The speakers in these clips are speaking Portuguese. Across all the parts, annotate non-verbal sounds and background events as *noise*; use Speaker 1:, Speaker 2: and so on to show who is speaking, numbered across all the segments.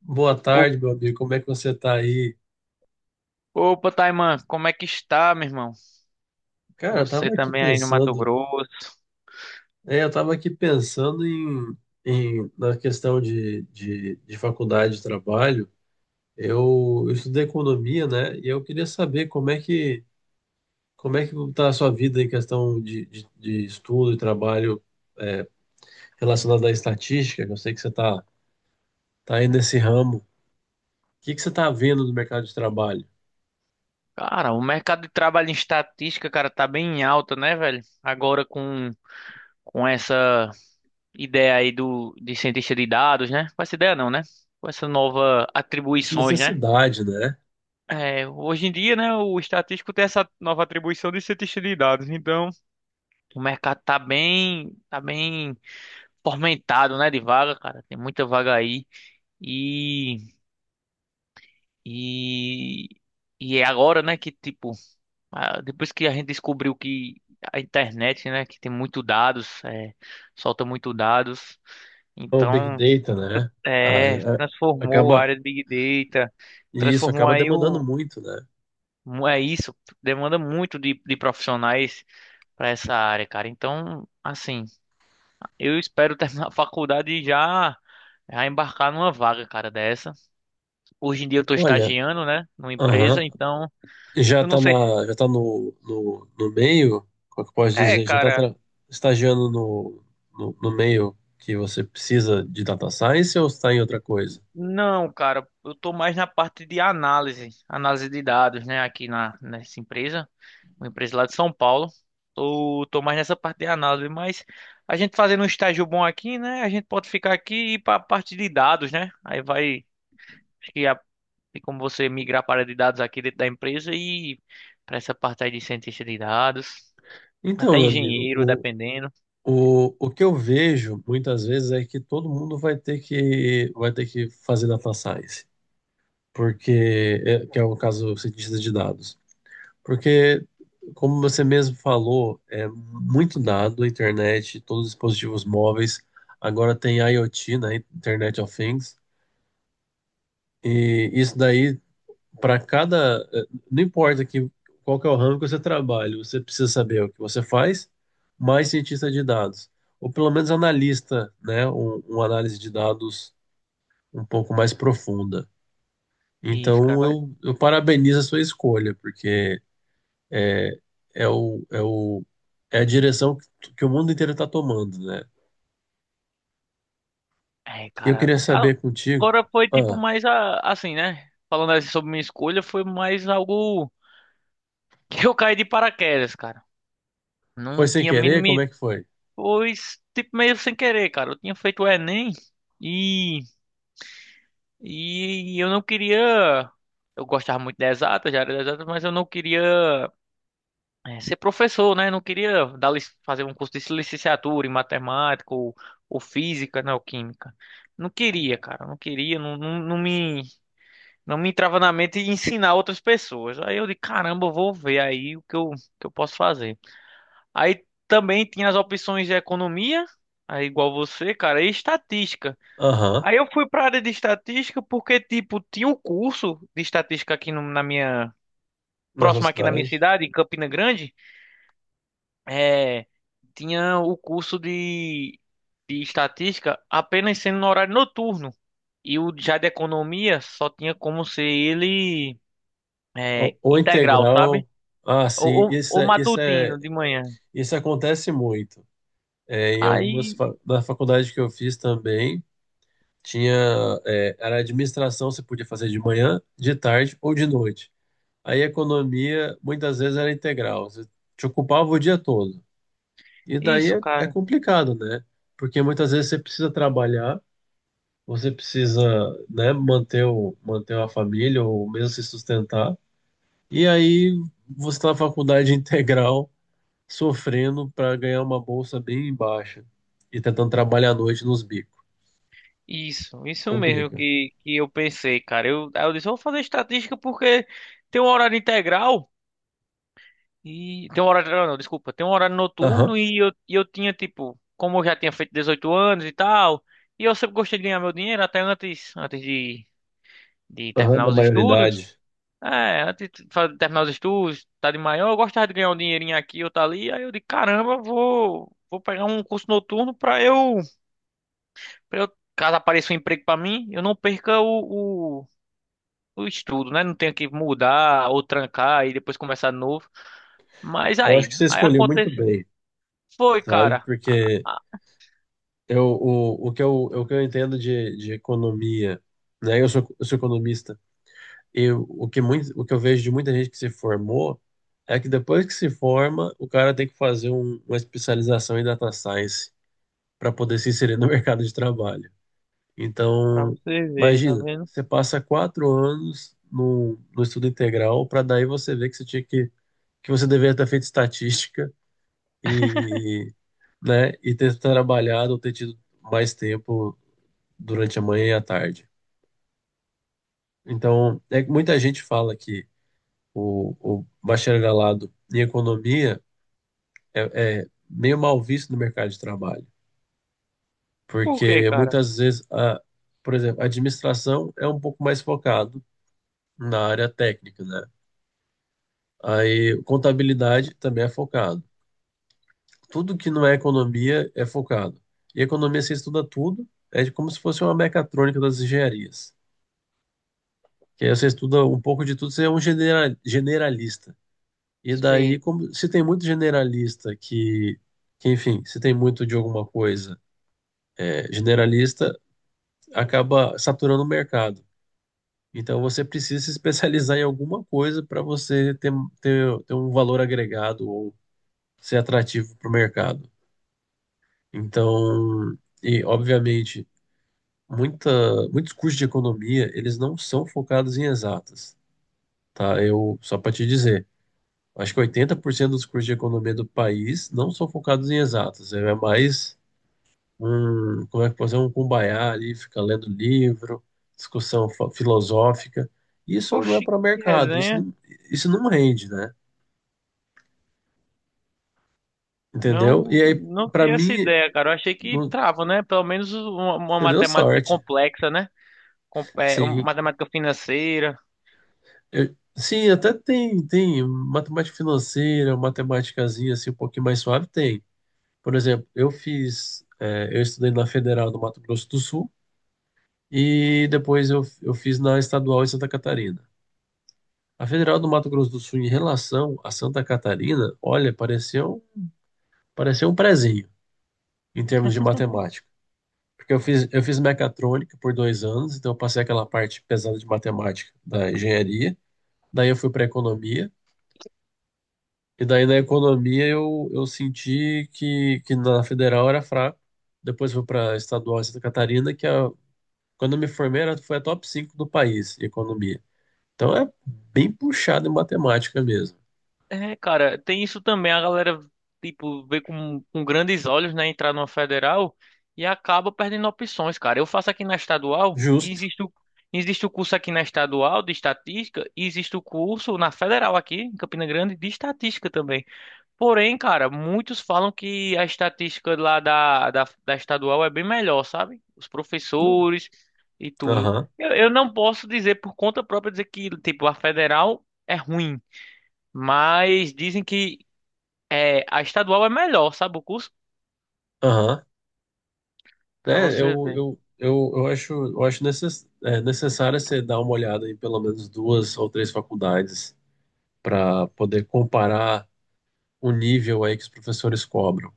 Speaker 1: Boa
Speaker 2: O-
Speaker 1: tarde, meu amigo. Como é que você tá aí?
Speaker 2: Opa, Taiman, como é que está, meu irmão?
Speaker 1: Cara, eu
Speaker 2: Você
Speaker 1: tava aqui
Speaker 2: também aí no Mato
Speaker 1: pensando.
Speaker 2: Grosso.
Speaker 1: Eu tava aqui pensando em na questão de faculdade de trabalho. Eu estudei economia, né? E eu queria saber como é que tá a sua vida em questão de estudo e trabalho, é, relacionado à estatística, que eu sei que você tá aí nesse ramo. O que que você tá vendo no mercado de trabalho?
Speaker 2: Cara, o mercado de trabalho em estatística, cara, tá bem em alta, né, velho? Agora com essa ideia aí de cientista de dados, né? Com essa ideia não, né? Com essa nova
Speaker 1: Essa
Speaker 2: atribuições, né?
Speaker 1: necessidade, né?
Speaker 2: É, hoje em dia, né, o estatístico tem essa nova atribuição de cientista de dados. Então, o mercado tá bem fomentado, né, de vaga, cara. Tem muita vaga aí. E E, e é agora, né, que tipo, ah, depois que a gente descobriu que a internet, né, que tem muito dados, é, solta muito dados,
Speaker 1: O Big
Speaker 2: então,
Speaker 1: Data, né?
Speaker 2: é,
Speaker 1: A- a-
Speaker 2: transformou a
Speaker 1: Acaba.
Speaker 2: área de Big Data,
Speaker 1: E isso
Speaker 2: transformou
Speaker 1: acaba
Speaker 2: aí
Speaker 1: demandando
Speaker 2: o,
Speaker 1: muito, né?
Speaker 2: é isso, demanda muito de profissionais para essa área, cara. Então, assim, eu espero *laughs* terminar a faculdade e já embarcar numa vaga, cara, dessa. Hoje em dia eu tô
Speaker 1: Olha,
Speaker 2: estagiando, né, numa
Speaker 1: aham,
Speaker 2: empresa, então,
Speaker 1: já
Speaker 2: eu não
Speaker 1: tá
Speaker 2: sei.
Speaker 1: na, já tá no, no, no meio, como é que eu posso
Speaker 2: É,
Speaker 1: dizer?
Speaker 2: cara.
Speaker 1: Estagiando no, no meio que você precisa de data science ou está em outra coisa?
Speaker 2: Não, cara, eu tô mais na parte de análise, análise de dados, né, aqui na nessa empresa, uma empresa lá de São Paulo. Tô mais nessa parte de análise, mas a gente fazendo um estágio bom aqui, né, a gente pode ficar aqui e ir para a parte de dados, né? Aí vai, acho que tem como você migrar para a área de dados aqui dentro da empresa e para essa parte aí de cientista de dados,
Speaker 1: Então,
Speaker 2: até
Speaker 1: meu amigo,
Speaker 2: engenheiro, dependendo.
Speaker 1: o que eu vejo muitas vezes é que todo mundo vai ter que fazer data science, porque que é o caso do cientista de dados. Porque, como você mesmo falou, é muito dado, a internet, todos os dispositivos móveis, agora tem IoT, né, Internet of Things, e isso daí, para cada, não importa que, qual que é o ramo que você trabalha, você precisa saber o que você faz, mais cientista de dados, ou pelo menos analista, né, uma análise de dados um pouco mais profunda.
Speaker 2: Isso, cara,
Speaker 1: Então,
Speaker 2: vai.
Speaker 1: eu parabenizo a sua escolha, porque é o, é o, é a direção que o mundo inteiro está tomando, né?
Speaker 2: É,
Speaker 1: E eu
Speaker 2: cara,
Speaker 1: queria saber contigo,
Speaker 2: agora foi tipo
Speaker 1: ah,
Speaker 2: mais a, assim, né? Falando assim sobre minha escolha, foi mais algo *laughs* que eu caí de paraquedas, cara.
Speaker 1: foi
Speaker 2: Não
Speaker 1: sem
Speaker 2: tinha
Speaker 1: querer? Como
Speaker 2: mínimo,
Speaker 1: é que foi?
Speaker 2: pois tipo meio sem querer, cara. Eu tinha feito o Enem e e eu não queria. Eu gostava muito de exatas, já era de exatas, mas eu não queria ser professor, né? Não queria dar, fazer um curso de licenciatura em matemática ou física, né? Ou química. Não queria, cara. Não queria, Não me entrava na mente ensinar outras pessoas. Aí eu de caramba, eu vou ver aí o que eu posso fazer. Aí também tinha as opções de economia, aí igual você, cara, e estatística.
Speaker 1: Aham,
Speaker 2: Aí eu fui para área de estatística porque, tipo, tinha um curso de estatística aqui no- na minha,
Speaker 1: na sua
Speaker 2: próximo aqui na minha
Speaker 1: cidade.
Speaker 2: cidade, em Campina Grande, é, tinha o curso de estatística apenas sendo no horário noturno. E o já de economia só tinha como ser ele é,
Speaker 1: O
Speaker 2: integral, sabe?
Speaker 1: integral, ah, sim,
Speaker 2: O, o matutino de manhã.
Speaker 1: isso acontece muito. É, em algumas,
Speaker 2: Aí,
Speaker 1: na faculdade que eu fiz também, tinha, era administração, você podia fazer de manhã, de tarde ou de noite. Aí economia, muitas vezes era integral, você te ocupava o dia todo. E daí
Speaker 2: isso,
Speaker 1: é
Speaker 2: cara.
Speaker 1: complicado, né? Porque muitas vezes você precisa trabalhar, você precisa, né, manter a família ou mesmo se sustentar. E aí você está na faculdade *laughs* integral, sofrendo para ganhar uma bolsa bem baixa e tentando trabalhar à noite nos bicos.
Speaker 2: Isso mesmo
Speaker 1: Complica.
Speaker 2: que eu pensei, cara. Eu, aí eu disse, vou fazer estatística porque tem um horário integral e. Tem um horário integral, não, desculpa. Tem um horário
Speaker 1: Aham,
Speaker 2: noturno e eu tinha, tipo, como eu já tinha feito 18 anos e tal, e eu sempre gostei de ganhar meu dinheiro, até antes de
Speaker 1: aham,
Speaker 2: terminar
Speaker 1: da
Speaker 2: os estudos.
Speaker 1: maioridade.
Speaker 2: É, antes de terminar os estudos, tá de maior, eu gostava de ganhar um dinheirinho aqui ou tá ali. Aí eu disse, caramba, vou pegar um curso noturno pra eu. Pra eu, caso apareça um emprego pra mim, eu não perca o estudo, né? Não tenho que mudar ou trancar e depois começar de novo. Mas
Speaker 1: Eu acho que você
Speaker 2: aí
Speaker 1: escolheu muito
Speaker 2: aconteceu.
Speaker 1: bem,
Speaker 2: Foi,
Speaker 1: sabe?
Speaker 2: cara.
Speaker 1: Porque
Speaker 2: Ah,
Speaker 1: eu, o que eu entendo de economia, né? Eu sou economista. Eu, o que muito, O que eu vejo de muita gente que se formou é que depois que se forma, o cara tem que fazer uma especialização em data science para poder se inserir no *laughs* mercado de trabalho.
Speaker 2: pra
Speaker 1: Então,
Speaker 2: você ver, tá
Speaker 1: imagina,
Speaker 2: vendo?
Speaker 1: você passa 4 anos no estudo integral para daí você ver que que você deveria ter feito estatística, e, né, e ter trabalhado ou ter tido mais tempo durante a manhã e a tarde. Então, é que muita gente fala que o, o bacharelado em economia é meio mal visto no mercado de trabalho,
Speaker 2: Por quê,
Speaker 1: porque
Speaker 2: cara?
Speaker 1: muitas vezes, por exemplo, a administração é um pouco mais focado na área técnica, né? Aí contabilidade também é focado. Tudo que não é economia é focado. E economia você estuda tudo, é como se fosse uma mecatrônica das engenharias. Que aí você estuda um pouco de tudo, você é um generalista. E daí,
Speaker 2: Sim.
Speaker 1: como se tem muito generalista que enfim, se tem muito de alguma coisa, generalista, acaba saturando o mercado. Então, você precisa se especializar em alguma coisa para você ter um valor agregado ou ser atrativo para o mercado. Então, e obviamente, muita, muitos cursos de economia, eles não são focados em exatas, tá? Eu, só para te dizer. Acho que 80% dos cursos de economia do país não são focados em exatas. É mais como é que pode ser, um cumbaiá ali, fica lendo livro, discussão filosófica. Isso não é
Speaker 2: Oxi,
Speaker 1: para o
Speaker 2: que
Speaker 1: mercado, isso
Speaker 2: resenha.
Speaker 1: não, isso não rende, né? Entendeu?
Speaker 2: Não,
Speaker 1: E aí,
Speaker 2: não
Speaker 1: para
Speaker 2: tinha essa
Speaker 1: mim,
Speaker 2: ideia, cara. Eu achei que
Speaker 1: não-
Speaker 2: trava, né? Pelo menos uma
Speaker 1: você deu
Speaker 2: matemática
Speaker 1: sorte.
Speaker 2: complexa, né? Com, é, uma
Speaker 1: Sim,
Speaker 2: matemática financeira.
Speaker 1: sim, até tem, matemática financeira, matemáticazinha assim, um pouquinho mais suave, tem. Por exemplo, eu estudei na Federal do Mato Grosso do Sul. E depois eu fiz na estadual em Santa Catarina. A Federal do Mato Grosso do Sul, em relação a Santa Catarina, olha, pareceu um prezinho em termos de matemática. Porque eu fiz mecatrônica por 2 anos, então eu passei aquela parte pesada de matemática da engenharia. Daí eu fui para economia. E daí na economia eu senti que na Federal era fraco. Depois fui para estadual em Santa Catarina, quando eu me formei foi a top 5 do país, em economia. Então é bem puxado em matemática mesmo.
Speaker 2: É, cara, tem isso também. A galera, tipo, vê com grandes olhos, né, entrar numa federal e acaba perdendo opções, cara. Eu faço aqui na estadual e
Speaker 1: Justo,
Speaker 2: existe existe o curso aqui na estadual de estatística e existe o curso na federal aqui, em Campina Grande, de estatística também. Porém, cara, muitos falam que a estatística lá da estadual é bem melhor, sabe? Os
Speaker 1: né?
Speaker 2: professores e tudo.
Speaker 1: Aham,
Speaker 2: Eu não posso dizer por conta própria dizer que, tipo, a federal é ruim. Mas dizem que é, a estadual é melhor, sabe o curso?
Speaker 1: aham.
Speaker 2: Pra
Speaker 1: É,
Speaker 2: você
Speaker 1: eu,
Speaker 2: ver.
Speaker 1: eu, eu, eu acho, necessário você dar uma olhada em pelo menos duas ou três faculdades para poder comparar o nível aí que os professores cobram.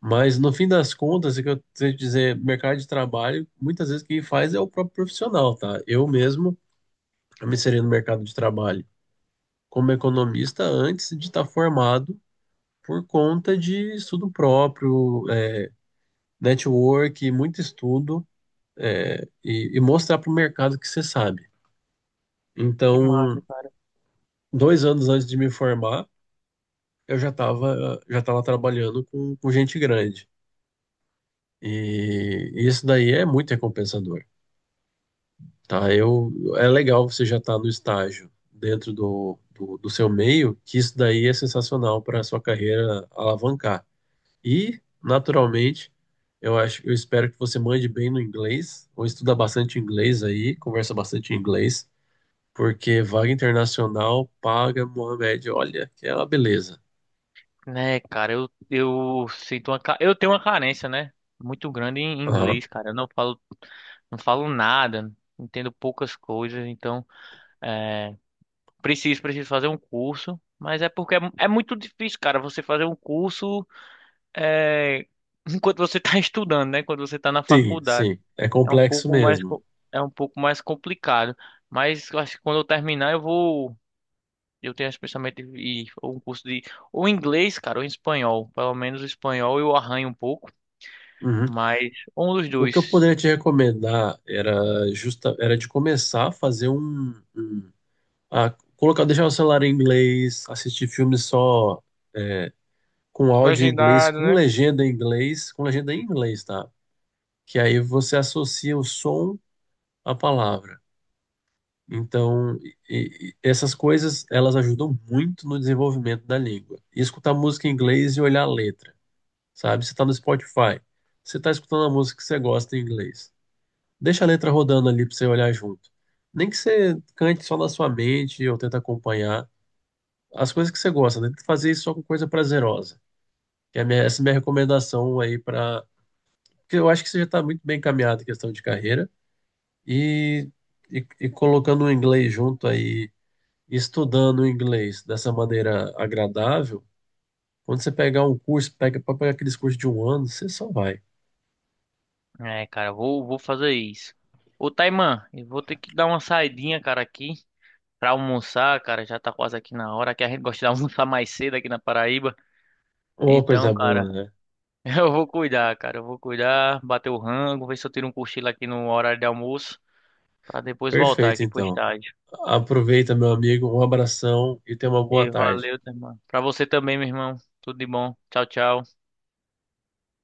Speaker 1: Mas no fim das contas, é que eu tenho que dizer, mercado de trabalho, muitas vezes quem faz é o próprio profissional, tá? Eu mesmo, eu me inseri no mercado de trabalho como economista antes de estar formado por conta de estudo próprio, network, muito estudo, e mostrar para o mercado que você sabe.
Speaker 2: Que
Speaker 1: Então,
Speaker 2: massa, cara.
Speaker 1: 2 anos antes de me formar, eu já estava trabalhando com gente grande. E isso daí é muito recompensador, tá? Eu, é legal você já estar no estágio dentro do seu meio, que isso daí é sensacional para a sua carreira alavancar. E, naturalmente, eu acho, eu espero que você mande bem no inglês, ou estuda bastante inglês aí, conversa bastante inglês, porque vaga internacional paga, Mohamed, olha, que é uma beleza.
Speaker 2: Né, cara, eu sinto uma, eu tenho uma carência, né? Muito grande em
Speaker 1: Aham.
Speaker 2: inglês, cara. Eu não falo, não falo nada, entendo poucas coisas, então é, preciso, preciso fazer um curso. Mas é porque é, é muito difícil, cara, você fazer um curso é, enquanto você está *laughs* estudando, né? Quando você está na
Speaker 1: Sim,
Speaker 2: faculdade.
Speaker 1: sim, é
Speaker 2: É um
Speaker 1: complexo
Speaker 2: pouco mais,
Speaker 1: mesmo.
Speaker 2: é um pouco mais complicado. Mas eu acho que quando eu terminar, eu vou. Eu tenho esse pensamento de ir ou um curso de. Ou inglês, cara, ou espanhol. Pelo menos o espanhol eu arranho um pouco.
Speaker 1: Uhum.
Speaker 2: Mas um dos
Speaker 1: O que eu
Speaker 2: dois.
Speaker 1: poderia te recomendar era era de começar a fazer a colocar, deixar o celular em inglês, assistir filmes só com áudio em inglês,
Speaker 2: Legendado,
Speaker 1: com
Speaker 2: né?
Speaker 1: legenda em inglês, com legenda em inglês, tá? Que aí você associa o som à palavra. Então, e essas coisas, elas ajudam muito no desenvolvimento da língua. E escutar música em inglês e olhar a letra, sabe? Você está no Spotify, você está escutando a música que você gosta em inglês. Deixa a letra rodando ali para você olhar junto. Nem que você cante só na sua mente ou tenta acompanhar as coisas que você gosta, né? Tenta fazer isso só com coisa prazerosa. Que é a minha- essa é a minha recomendação aí para... Porque eu acho que você já está muito bem encaminhado em questão de carreira. E, e colocando o inglês junto aí, estudando o inglês dessa maneira agradável, quando você pegar um curso, pega para pegar aqueles cursos de um ano, você só vai.
Speaker 2: É, cara, vou fazer isso. Ô, Taiman, eu vou ter que dar uma saidinha, cara, aqui pra almoçar, cara. Já tá quase aqui na hora, que a gente gosta de *laughs* almoçar mais cedo aqui na Paraíba.
Speaker 1: Uma
Speaker 2: Então,
Speaker 1: coisa boa,
Speaker 2: cara. *laughs*
Speaker 1: né?
Speaker 2: Eu vou cuidar, cara. Eu vou cuidar, bater o rango, ver se eu tiro um cochilo aqui no horário de almoço, pra depois voltar
Speaker 1: Perfeito,
Speaker 2: aqui pro
Speaker 1: então.
Speaker 2: estádio.
Speaker 1: Aproveita, meu amigo. Um abração e tenha uma boa
Speaker 2: E
Speaker 1: tarde.
Speaker 2: valeu, tá, irmão. Pra você também, meu irmão. Tudo de bom. Tchau, tchau.